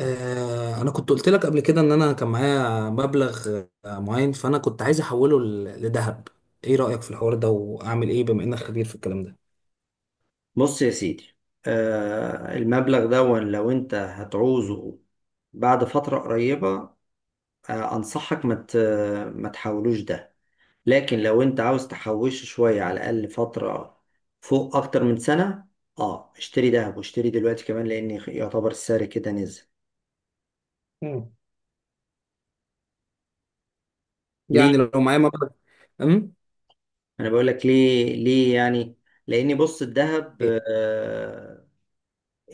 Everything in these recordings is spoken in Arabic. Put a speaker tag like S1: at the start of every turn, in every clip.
S1: انا كنت قلت لك قبل كده ان انا كان معايا مبلغ معين، فانا كنت عايز احوله لذهب. ايه رأيك في الحوار ده؟ واعمل ايه بما انك خبير في الكلام ده؟
S2: بص يا سيدي. المبلغ ده لو انت هتعوزه بعد فترة قريبة، انصحك ما تحولوش ده. لكن لو انت عاوز تحوشه شوية على الاقل فترة فوق اكتر من سنة، اه اشتري دهب، واشتري دلوقتي كمان لان يعتبر السعر كده نزل.
S1: مم.
S2: ليه؟
S1: يعني لو معايا مبلغ. امم
S2: انا بقول لك ليه. يعني لاني، بص، الذهب
S1: ايه؟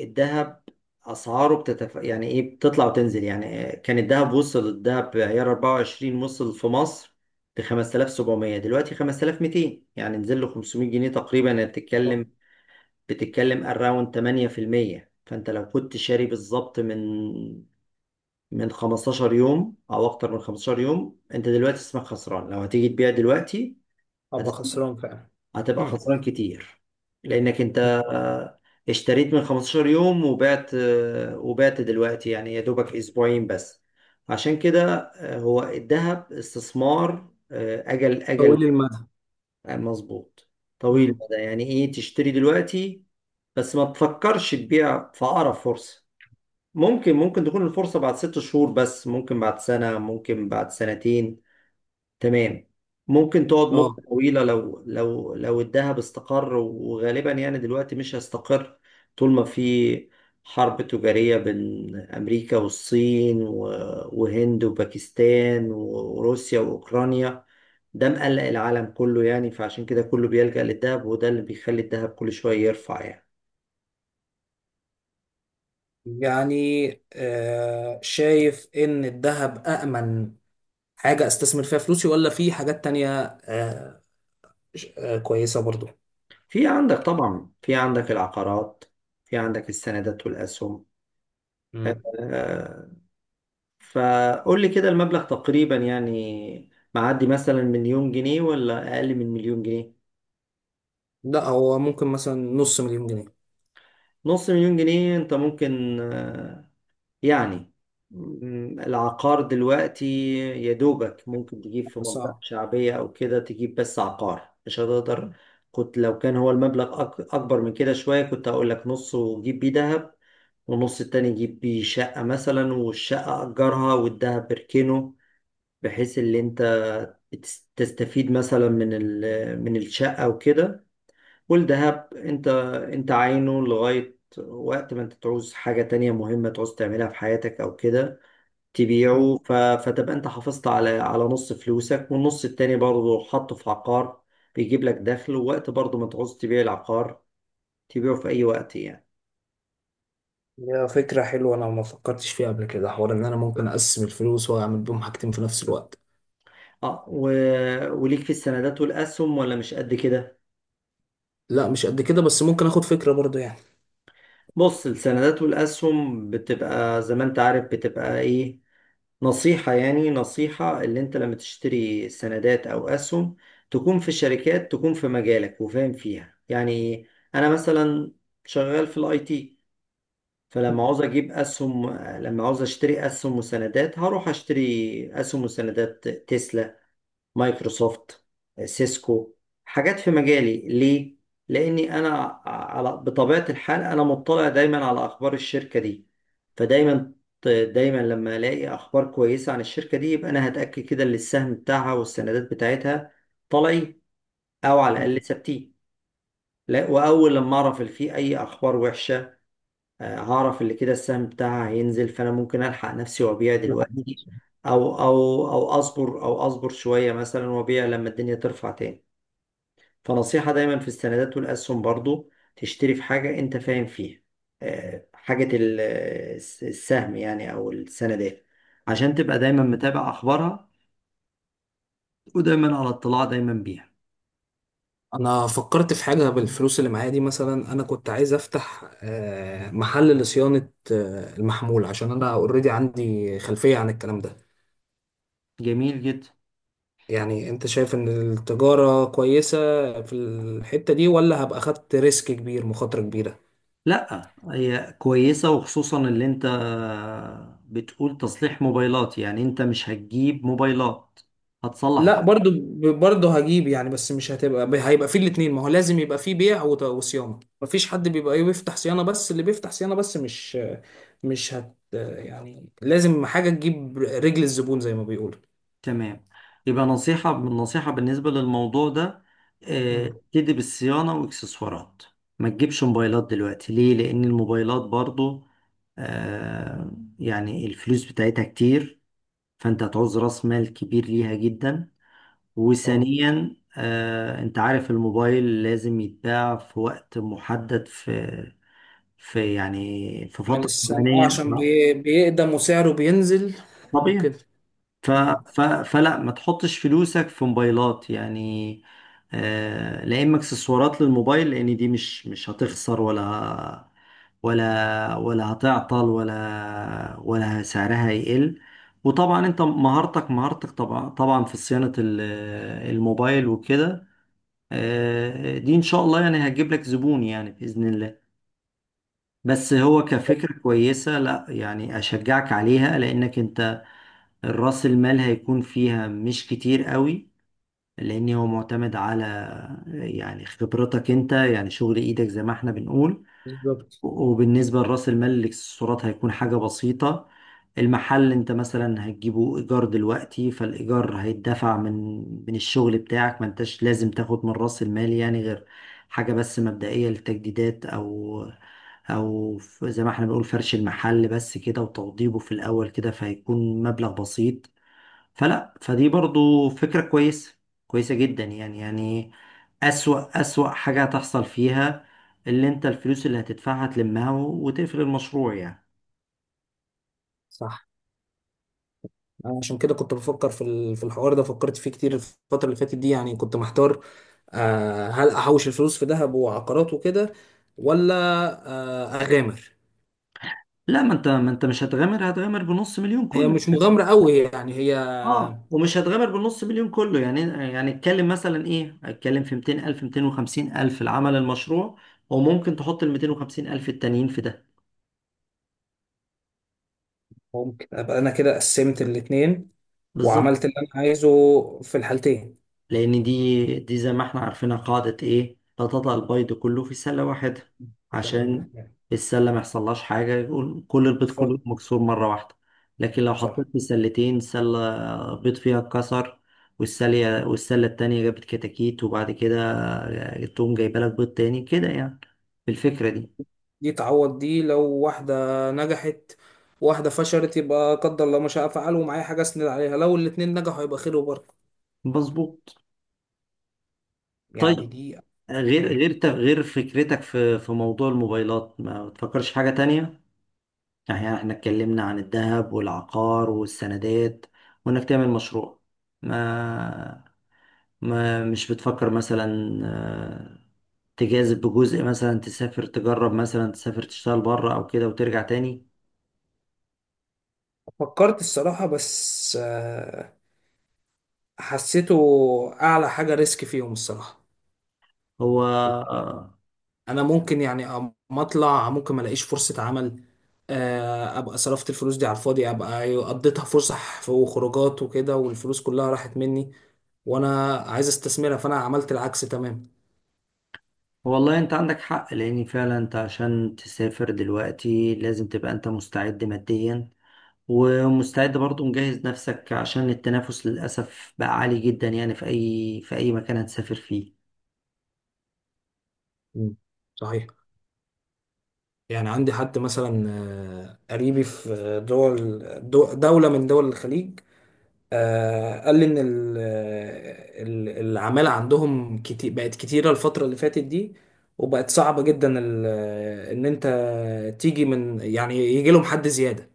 S2: الذهب اسعاره يعني ايه، بتطلع وتنزل. يعني كان الذهب وصل، الذهب عيار 24 وصل في مصر ب 5700، دلوقتي 5200، يعني نزل له 500 جنيه تقريبا. يعني
S1: آه،
S2: بتتكلم، اراوند 8%. فانت لو كنت شاري بالظبط من 15 يوم او اكتر من 15 يوم، انت دلوقتي اسمك خسران لو هتيجي تبيع دلوقتي.
S1: ابقى
S2: هتس...
S1: خسران فعلا.
S2: هتبقى
S1: مم.
S2: خسران كتير، لانك انت آه، اشتريت من 15 يوم وبعت، وبعت دلوقتي، يعني يا دوبك اسبوعين بس. عشان كده، هو الذهب استثمار، اجل.
S1: طويل المدى.
S2: مظبوط، طويل
S1: امم
S2: المدى. يعني ايه؟ تشتري دلوقتي بس ما تفكرش تبيع في اقرب فرصة. ممكن، تكون الفرصة بعد 6 شهور، بس ممكن بعد سنة، ممكن بعد سنتين. تمام. ممكن تقعد مدة
S1: اه.
S2: طويلة لو الذهب استقر، وغالبا يعني دلوقتي مش هيستقر، طول ما في حرب تجارية بين أمريكا والصين وهند وباكستان وروسيا وأوكرانيا. ده مقلق العالم كله يعني، فعشان كده كله بيلجأ للذهب، وده اللي بيخلي الذهب كل شوية يرفع يعني.
S1: يعني، شايف ان الذهب أأمن حاجة استثمر فيها فلوسي ولا في حاجات تانية، كويسة برضو.
S2: في عندك طبعا، في عندك العقارات، في عندك السندات والأسهم. آه،
S1: امم
S2: آه، فقول لي كده، المبلغ تقريبا يعني معدي مثلا مليون جنيه ولا أقل من مليون جنيه؟
S1: لا، هو ممكن مثلا نص مليون جنيه.
S2: نص مليون جنيه، أنت ممكن، يعني، العقار دلوقتي يا دوبك ممكن تجيب في منطقة
S1: صح.
S2: شعبية أو كده، تجيب بس عقار مش هتقدر. كنت، لو كان هو المبلغ أكبر من كده شوية، كنت هقول لك نص وجيب بيه دهب، والنص التاني يجيب بيه شقة مثلا، والشقة أجرها والدهب اركنه، بحيث اللي انت تستفيد مثلا من من الشقة وكده. والذهب انت، عاينه لغاية وقت ما انت تعوز حاجة تانية مهمة تعوز تعملها في حياتك او كده،
S1: مم.
S2: تبيعه. فتبقى انت حافظت على نص فلوسك، والنص التاني برضه حطه في عقار بيجيب لك دخل، ووقت برضه ما تعوز تبيع العقار تبيعه في اي وقت يعني.
S1: هي فكرة حلوة، أنا ما فكرتش فيها قبل كده، حوار إن أنا ممكن أقسم الفلوس وأعمل بيهم حاجتين في نفس الوقت.
S2: اه و... وليك في السندات والاسهم ولا مش قد كده؟
S1: لا مش قد كده، بس ممكن آخد فكرة برضو يعني.
S2: بص، السندات والاسهم بتبقى زي ما انت عارف، بتبقى ايه؟ نصيحة، يعني نصيحة، اللي انت لما تشتري سندات او اسهم، تكون في شركات تكون في مجالك وفاهم فيها يعني. انا مثلا شغال في الاي تي، فلما عاوز اجيب اسهم، لما عاوز اشتري اسهم وسندات، هروح اشتري اسهم وسندات تسلا، مايكروسوفت، سيسكو، حاجات في مجالي. ليه؟ لأني أنا، على بطبيعة الحال، أنا مطلع دايما على أخبار الشركة دي، فدايما، لما ألاقي أخبار كويسة عن الشركة دي، يبقى أنا هتأكد كده إن السهم بتاعها والسندات بتاعتها طالعين، أو على
S1: مم.
S2: الأقل ثابتين. لا، وأول لما أعرف إن في أي أخبار وحشة، هعرف اللي كده السهم بتاعها هينزل، فانا ممكن الحق نفسي وابيع
S1: ده
S2: دلوقتي.
S1: حقيقي.
S2: او اصبر، او اصبر شويه مثلا، وابيع لما الدنيا ترفع تاني. فنصيحه دايما في السندات والاسهم برضو، تشتري في حاجه انت فاهم فيها، حاجه، السهم يعني او السندات، عشان تبقى دايما متابع اخبارها، ودايما على اطلاع دايما بيها.
S1: أنا فكرت في حاجة بالفلوس اللي معايا دي، مثلا أنا كنت عايز أفتح محل لصيانة المحمول، عشان أنا أوريدي عندي خلفية عن الكلام ده.
S2: جميل جدا.
S1: يعني أنت شايف إن التجارة كويسة في الحتة دي، ولا هبقى خدت ريسك كبير، مخاطرة كبيرة؟
S2: لا، هي كويسة، وخصوصا اللي انت بتقول تصليح موبايلات. يعني انت مش هتجيب موبايلات، هتصلح
S1: لا
S2: بقى.
S1: برضو. برضو هجيب يعني، بس مش هتبقى هيبقى فيه الاتنين، ما هو لازم يبقى فيه بيع وصيانة. مفيش حد بيبقى ايه بيفتح صيانة بس، اللي بيفتح صيانة بس مش مش هت يعني لازم حاجة تجيب رجل الزبون زي ما بيقولوا.
S2: تمام. يبقى نصيحة، بالنسبة للموضوع ده، اه،
S1: امم
S2: ابتدي بالصيانة واكسسوارات. ما تجيبش موبايلات دلوقتي. ليه؟ لان الموبايلات برضو، اه، يعني الفلوس بتاعتها كتير، فانت هتعوز راس مال كبير ليها جدا.
S1: اه،
S2: وثانيا، انت عارف الموبايل لازم يتباع في وقت محدد، في يعني في
S1: من
S2: فترة
S1: السماء. اه،
S2: زمنية.
S1: عشان بيقدم وسعره بينزل
S2: طبيعي.
S1: وكده.
S2: ف
S1: مم.
S2: ف فلا، ما تحطش فلوسك في موبايلات يعني. لا، اما اكسسوارات للموبايل لان دي مش هتخسر، ولا هتعطل، ولا سعرها هيقل. وطبعا انت مهارتك، طبعا في صيانة الموبايل وكده، دي ان شاء الله يعني هتجيب لك زبون، يعني باذن الله. بس هو كفكره كويسه، لا يعني اشجعك عليها، لانك انت راس المال هيكون فيها مش كتير قوي، لان هو معتمد على، يعني، خبرتك انت، يعني شغل ايدك زي ما احنا بنقول.
S1: بالظبط.
S2: وبالنسبة لرأس المال، اللي الاكسسوارات، هيكون حاجة بسيطة. المحل انت مثلا هتجيبه ايجار دلوقتي، فالايجار هيتدفع من الشغل بتاعك، ما انتش لازم تاخد من رأس المال يعني، غير حاجة بس مبدئية للتجديدات، زي ما احنا بنقول فرش المحل بس كده، وتوضيبه في الاول كده، فهيكون مبلغ بسيط. فلا، فدي برضو فكرة كويسة، كويسة جدا يعني. يعني أسوأ حاجة هتحصل فيها، اللي انت الفلوس اللي هتدفعها تلمها وتقفل المشروع يعني.
S1: صح. أنا عشان كده كنت بفكر في في الحوار ده، فكرت فيه كتير الفترة اللي فاتت دي يعني، كنت محتار، هل أحوش الفلوس في ذهب وعقارات وكده، ولا أغامر؟
S2: لا، ما انت، مش هتغامر، هتغامر بنص مليون
S1: هي
S2: كله.
S1: مش مغامرة قوي يعني، هي
S2: اه، ومش هتغامر بالنص مليون كله يعني، يعني اتكلم مثلا ايه، اتكلم في 200 الف، 250 الف العمل المشروع، وممكن تحط ال 250 الف التانيين في ده.
S1: ممكن أبقى أنا كده قسمت الاتنين
S2: بالظبط.
S1: وعملت اللي أنا عايزه في الحالتين.
S2: لأن دي، زي ما احنا عارفينها، قاعدة إيه؟ لا تضع البيض كله في سلة واحدة، عشان السلة ما يحصلهاش حاجة يقول كل البيض
S1: ف-
S2: كله مكسور مرة واحدة. لكن لو حطيت
S1: صح.
S2: في سلتين، سلة بيض فيها اتكسر، والسلة، التانية جابت كتاكيت، وبعد كده تقوم جايبة لك بيض تاني كده يعني، بالفكرة دي.
S1: دي تعوض دي، لو واحدة نجحت واحدة فشلت يبقى قدر الله ما شاء فعل ومعايا حاجة أسند عليها، لو الاتنين نجحوا يبقى خير وبركة.
S2: مظبوط.
S1: يعني
S2: طيب،
S1: دي.
S2: غير،
S1: مم.
S2: فكرتك في موضوع الموبايلات، ما تفكرش في حاجة تانية؟ يعني احنا اتكلمنا عن الذهب والعقار والسندات، وانك تعمل مشروع. ما ما مش بتفكر مثلا، آه، تجازف بجزء؟ مثلا تسافر تجرب، مثلا تسافر تشتغل بره او كده وترجع تاني؟
S1: فكرت الصراحة، بس حسيته أعلى حاجة ريسك فيهم الصراحة.
S2: هو
S1: أنا ممكن يعني أما أطلع ممكن ما ألاقيش فرصة عمل، أبقى صرفت الفلوس دي على الفاضي، أبقى قضيتها فسح وخروجات وكده والفلوس كلها راحت مني، وأنا عايز استثمرها، فأنا عملت العكس تمام.
S2: والله انت عندك حق، لان فعلا انت عشان تسافر دلوقتي لازم تبقى انت مستعد ماديا، ومستعد برضو مجهز نفسك، عشان التنافس للأسف بقى عالي جدا يعني، في أي مكان هتسافر فيه.
S1: مم. صحيح. يعني عندي حد مثلا قريبي في دول دولة من دول الخليج، قال لي ان العمالة عندهم كتير بقت كتيرة الفترة اللي فاتت دي، وبقت صعبة جدا ان انت تيجي من يعني يجي لهم حد زيادة.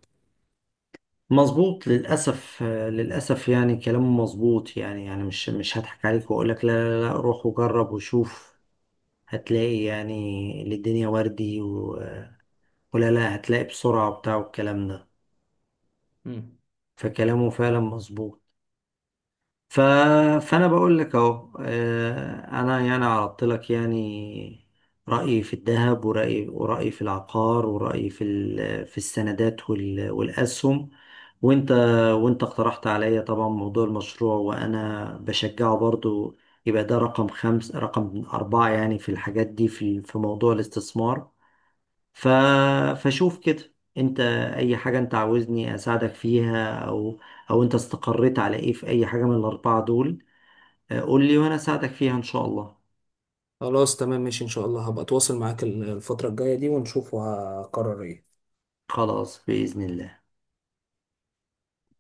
S2: مظبوط. للأسف، للأسف يعني كلامه مظبوط، يعني، يعني مش هضحك عليك وأقول لك لا لا لا، روح وجرب وشوف، هتلاقي يعني اللي الدنيا وردي ولا، لا، هتلاقي بسرعة وبتاع والكلام ده.
S1: مم.
S2: فكلامه فعلا مظبوط. ف... فانا بقول لك اهو، انا يعني عرضت لك، يعني رايي في الذهب، ورايي في العقار، ورايي في في السندات والاسهم. وانت، اقترحت عليا طبعا موضوع المشروع، وانا بشجعه برضو. يبقى ده رقم خمس، رقم أربعة يعني في الحاجات دي، في موضوع الاستثمار. ف... فشوف كده انت، اي حاجة انت عاوزني اساعدك فيها، او انت استقريت على ايه، في اي حاجة من الاربعة دول، قول لي وانا اساعدك فيها ان شاء الله.
S1: خلاص تمام ماشي، ان شاء الله هبقى اتواصل معاك الفترة الجاية دي ونشوف وهقرر ايه.
S2: خلاص بإذن الله.